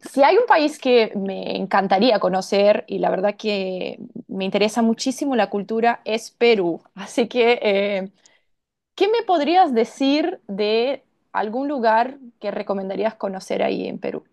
Si hay un país que me encantaría conocer y la verdad que me interesa muchísimo la cultura es Perú. Así que, ¿qué me podrías decir de algún lugar que recomendarías conocer ahí en Perú?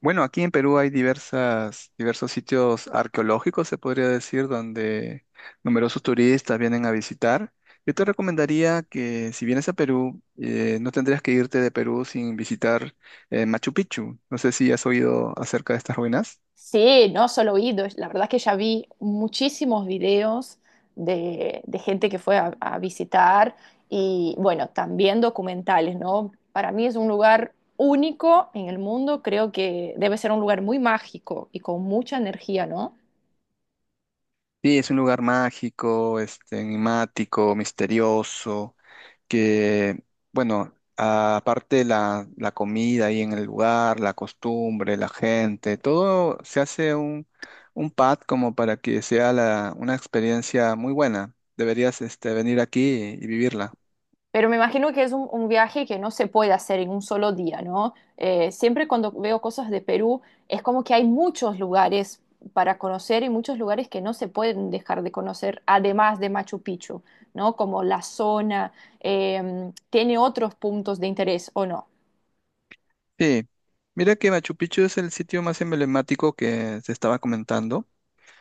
Bueno, aquí en Perú hay diversos sitios arqueológicos, se podría decir, donde numerosos turistas vienen a visitar. Yo te recomendaría que si vienes a Perú, no tendrías que irte de Perú sin visitar Machu Picchu. No sé si has oído acerca de estas ruinas. Sí, no solo oídos. La verdad es que ya vi muchísimos videos de gente que fue a visitar y bueno, también documentales, ¿no? Para mí es un lugar único en el mundo. Creo que debe ser un lugar muy mágico y con mucha energía, ¿no? Sí, es un lugar mágico, este, enigmático, misterioso. Que, bueno, aparte la comida ahí en el lugar, la costumbre, la gente, todo se hace un pad como para que sea una experiencia muy buena. Deberías este, venir aquí y vivirla. Pero me imagino que es un viaje que no se puede hacer en un solo día, ¿no? Siempre cuando veo cosas de Perú, es como que hay muchos lugares para conocer y muchos lugares que no se pueden dejar de conocer, además de Machu Picchu, ¿no? Como la zona, tiene otros puntos de interés o no. Sí, mira que Machu Picchu es el sitio más emblemático que se estaba comentando,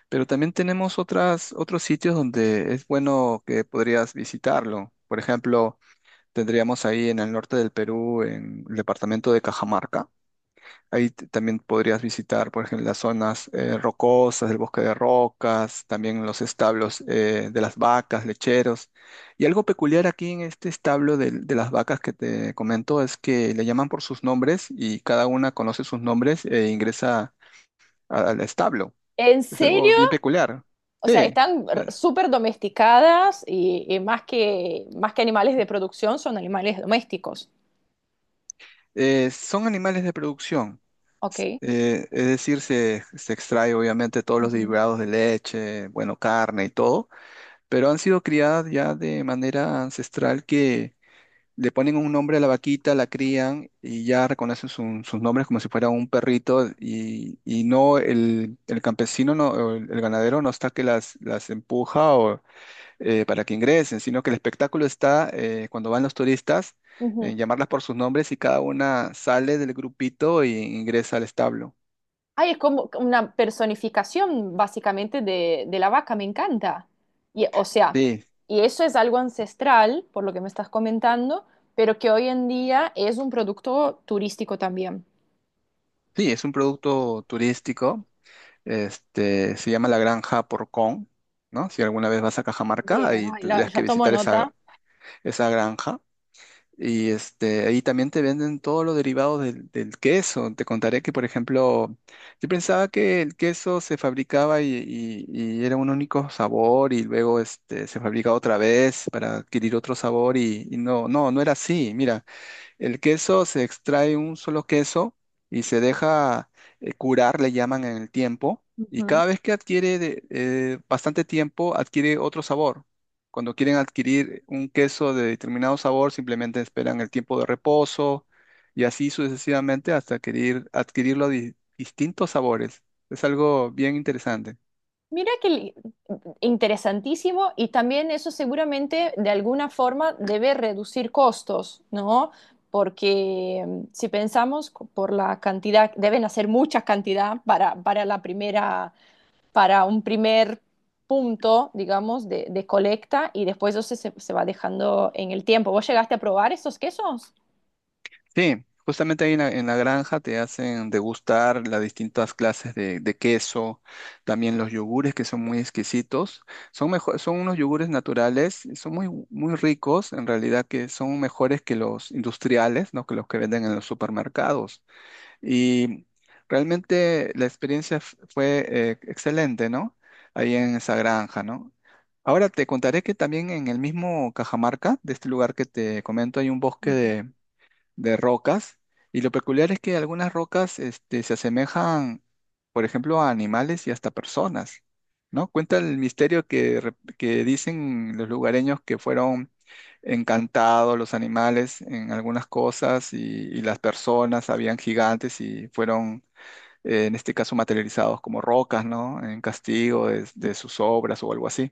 pero también tenemos otros sitios donde es bueno que podrías visitarlo. Por ejemplo, tendríamos ahí en el norte del Perú, en el departamento de Cajamarca. Ahí también podrías visitar, por ejemplo, las zonas rocosas del bosque de rocas, también los establos de las vacas, lecheros. Y algo peculiar aquí en este establo de las vacas que te comento es que le llaman por sus nombres y cada una conoce sus nombres e ingresa al establo. ¿En Es algo serio? bien peculiar. O sea, Sí, están a- súper domesticadas y más que animales de producción, son animales domésticos. Son animales de producción. Ok. Es decir, se extrae obviamente todos los Ujú. derivados de leche, bueno, carne y todo, pero han sido criadas ya de manera ancestral que le ponen un nombre a la vaquita, la crían y ya reconocen sus nombres como si fuera un perrito, y no el campesino, no, o el ganadero no está que las empuja o, para que ingresen, sino que el espectáculo está cuando van los turistas Ujú. en llamarlas por sus nombres y cada una sale del grupito e ingresa al establo. Ay, es como una personificación básicamente de la vaca, me encanta. Y, o sea, Sí, y eso es algo ancestral, por lo que me estás comentando, pero que hoy en día es un producto turístico también. sí, es un producto turístico. Este, se llama la Granja Porcón, ¿no? Si alguna vez vas a Cajamarca, Bien, ahí ay, tendrías que ya tomo visitar esa, nota. esa granja. Y este, ahí también te venden todos los derivados del queso. Te contaré que, por ejemplo, yo pensaba que el queso se fabricaba y era un único sabor y luego este, se fabrica otra vez para adquirir otro sabor y, no, no, no era así. Mira. El queso se extrae un solo queso y se deja curar, le llaman en el tiempo, y Ujú. cada vez que adquiere bastante tiempo, adquiere otro sabor. Cuando quieren adquirir un queso de determinado sabor, simplemente esperan el tiempo de reposo y así sucesivamente hasta adquirirlo de distintos sabores. Es algo bien interesante. Mira que interesantísimo y también eso seguramente de alguna forma debe reducir costos, ¿no? Porque si pensamos por la cantidad, deben hacer mucha cantidad para la primera para un primer punto, digamos, de colecta y después eso se, se va dejando en el tiempo. ¿Vos llegaste a probar esos quesos? Sí, justamente ahí en en la granja te hacen degustar las distintas clases de queso, también los yogures que son muy exquisitos. Son mejor, son unos yogures naturales, son muy ricos, en realidad, que son mejores que los industriales, ¿no? Que los que venden en los supermercados. Y realmente la experiencia fue excelente, ¿no? Ahí en esa granja, ¿no? Ahora te contaré que también en el mismo Cajamarca, de este lugar que te comento, hay un bosque de rocas. Y lo peculiar es que algunas rocas este, se asemejan, por ejemplo, a animales y hasta personas, ¿no? Cuenta el misterio que, que dicen los lugareños que fueron encantados los animales en algunas cosas, y las personas habían gigantes y fueron, en este caso, materializados como rocas, ¿no? En castigo de sus obras o algo así.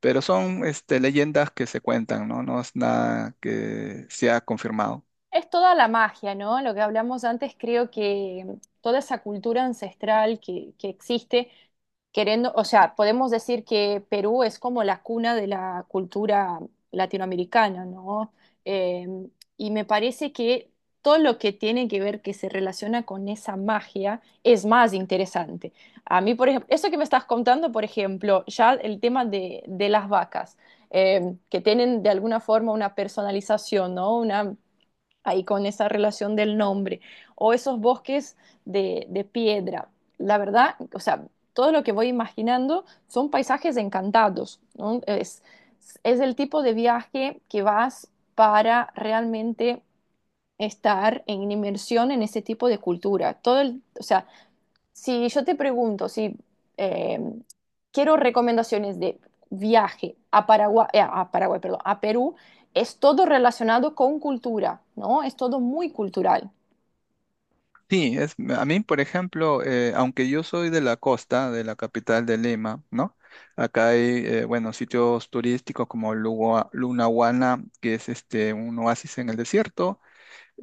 Pero son este, leyendas que se cuentan, ¿no? No es nada que sea confirmado. Es toda la magia, ¿no? Lo que hablamos antes, creo que toda esa cultura ancestral que existe, queriendo, o sea, podemos decir que Perú es como la cuna de la cultura latinoamericana, ¿no? Eh, y me parece que todo lo que tiene que ver que se relaciona con esa magia es más interesante. A mí, por ejemplo, eso que me estás contando, por ejemplo, ya el tema de las vacas, que tienen de alguna forma una personalización, ¿no? Una ahí con esa relación del nombre, o esos bosques de piedra. La verdad, o sea, todo lo que voy imaginando son paisajes encantados, ¿no? Es el tipo de viaje que vas para realmente estar en inmersión en ese tipo de cultura. Todo el, o sea, si yo te pregunto si eh, quiero recomendaciones de viaje a Paraguay, perdón, a Perú, es todo relacionado con cultura, ¿no? Es todo muy cultural. Sí, es, a mí, por ejemplo, aunque yo soy de la costa, de la capital de Lima, ¿no? Acá hay, bueno, sitios turísticos como Lunahuana, que es este, un oasis en el desierto.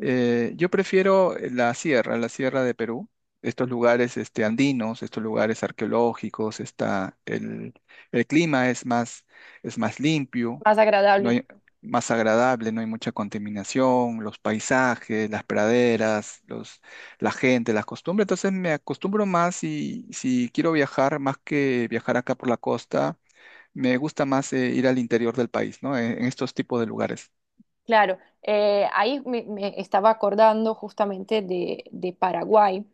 Yo prefiero la sierra de Perú, estos lugares este, andinos, estos lugares arqueológicos, está el clima es más limpio, Más no agradable. hay, más agradable, no hay mucha contaminación, los paisajes, las praderas, los, la gente, las costumbres. Entonces me acostumbro más y si quiero viajar, más que viajar acá por la costa, me gusta más ir al interior del país, ¿no? En estos tipos de lugares. Claro, ahí me estaba acordando justamente de Paraguay.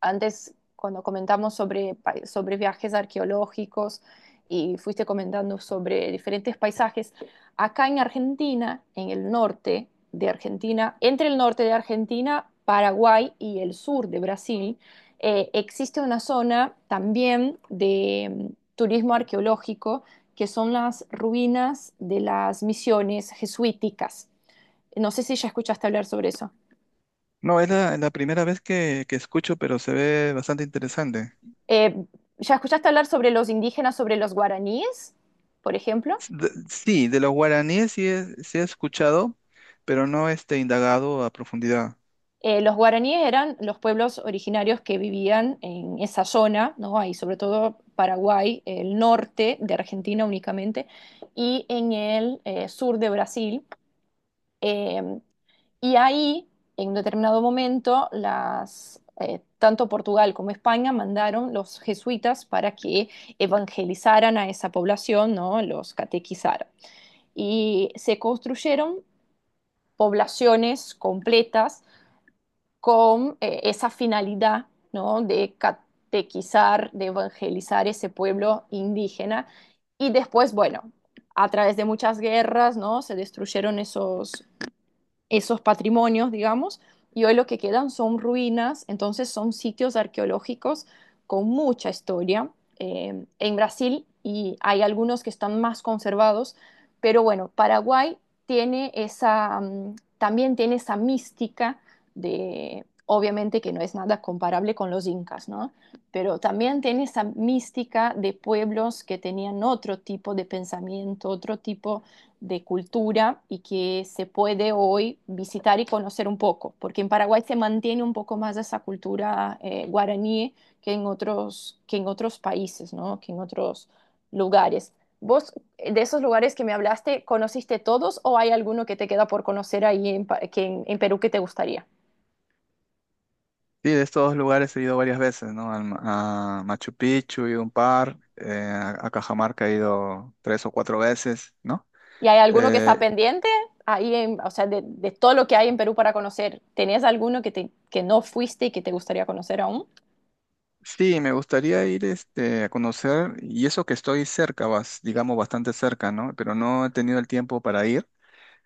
Antes cuando comentamos sobre, sobre viajes arqueológicos y fuiste comentando sobre diferentes paisajes, acá en Argentina, en el norte de Argentina, entre el norte de Argentina, Paraguay y el sur de Brasil, existe una zona también de turismo arqueológico que son las ruinas de las misiones jesuíticas. No sé si ya escuchaste hablar sobre eso. No, es la primera vez que escucho, pero se ve bastante interesante. Eh, ¿Ya escuchaste hablar sobre los indígenas, sobre los guaraníes, por ejemplo? Sí, de los guaraníes sí, sí he escuchado, pero no este, indagado a profundidad. Los guaraníes eran los pueblos originarios que vivían en esa zona, ¿no? Ahí, sobre todo Paraguay, el norte de Argentina únicamente, y en el sur de Brasil. Eh, y ahí, en un determinado momento, tanto Portugal como España mandaron los jesuitas para que evangelizaran a esa población, ¿no? Los catequizaran. Y se construyeron poblaciones completas con esa finalidad, ¿no? De catequizar, de evangelizar ese pueblo indígena. Y después, bueno, a través de muchas guerras, ¿no? Se destruyeron esos, esos patrimonios, digamos, y hoy lo que quedan son ruinas, entonces son sitios arqueológicos con mucha historia en Brasil, y hay algunos que están más conservados, pero bueno, Paraguay tiene esa, también tiene esa mística de, obviamente que no es nada comparable con los incas, ¿no? Pero también tiene esa mística de pueblos que tenían otro tipo de pensamiento, otro tipo de cultura y que se puede hoy visitar y conocer un poco, porque en Paraguay se mantiene un poco más esa cultura guaraní que en otros países, ¿no? Que en otros lugares. ¿Vos de esos lugares que me hablaste, conociste todos o hay alguno que te queda por conocer ahí en, en Perú que te gustaría? Sí, de estos lugares he ido varias veces, ¿no? A Machu Picchu he ido un par, a Cajamarca he ido tres o cuatro veces, ¿no? ¿Y hay alguno que está Eh, pendiente? O sea, de todo lo que hay en Perú para conocer, ¿tenés alguno que, te, que no fuiste y que te gustaría conocer aún? sí, me gustaría ir este, a conocer, y eso que estoy cerca, digamos bastante cerca, ¿no? Pero no he tenido el tiempo para ir.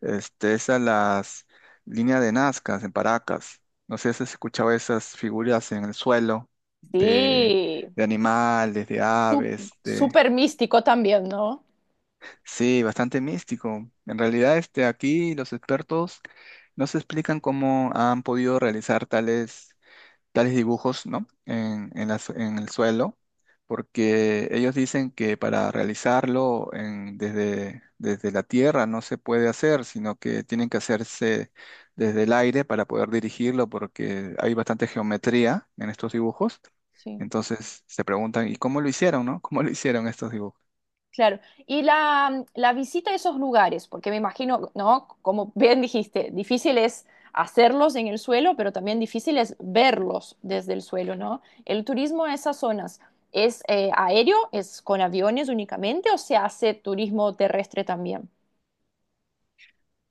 Este, esas las líneas de Nazca en Paracas. No sé si has escuchado esas figuras en el suelo de, Sí, de animales, de Sú- aves, de... súper místico también, ¿no? Sí, bastante místico. En realidad, este, aquí los expertos no se explican cómo han podido realizar tales tales dibujos, ¿no? En en el suelo, porque ellos dicen que para realizarlo desde, desde la tierra no se puede hacer, sino que tienen que hacerse desde el aire para poder dirigirlo, porque hay bastante geometría en estos dibujos. Sí, Entonces se preguntan, ¿y cómo lo hicieron, no? ¿Cómo lo hicieron estos dibujos? claro. Y la visita a esos lugares, porque me imagino, ¿no? Como bien dijiste, difícil es hacerlos en el suelo, pero también difícil es verlos desde el suelo, ¿no? El turismo a esas zonas, ¿es aéreo? ¿Es con aviones únicamente o se hace turismo terrestre también?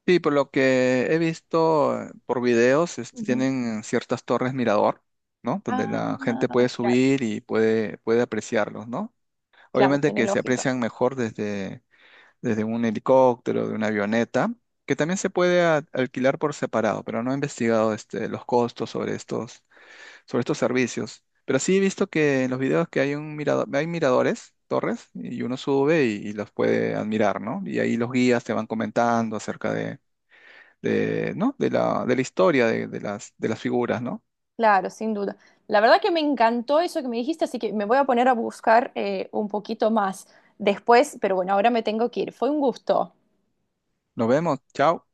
Sí, por lo que he visto por videos, este, Ujú. tienen ciertas torres mirador, ¿no? Ah, Donde la gente puede claro, subir y puede, puede apreciarlos, ¿no? claro, Obviamente tiene que se lógica. aprecian mejor desde, desde un helicóptero, de una avioneta, que también se puede alquilar por separado, pero no he investigado este, los costos sobre estos servicios. Pero sí he visto que en los videos que hay un mirador, hay miradores, torres, y uno sube y los puede admirar, ¿no? Y ahí los guías te van comentando acerca de, ¿no? De la historia de, de las figuras, ¿no? Claro, sin duda. La verdad que me encantó eso que me dijiste, así que me voy a poner a buscar un poquito más después, pero bueno, ahora me tengo que ir. Fue un gusto. Nos vemos, chao.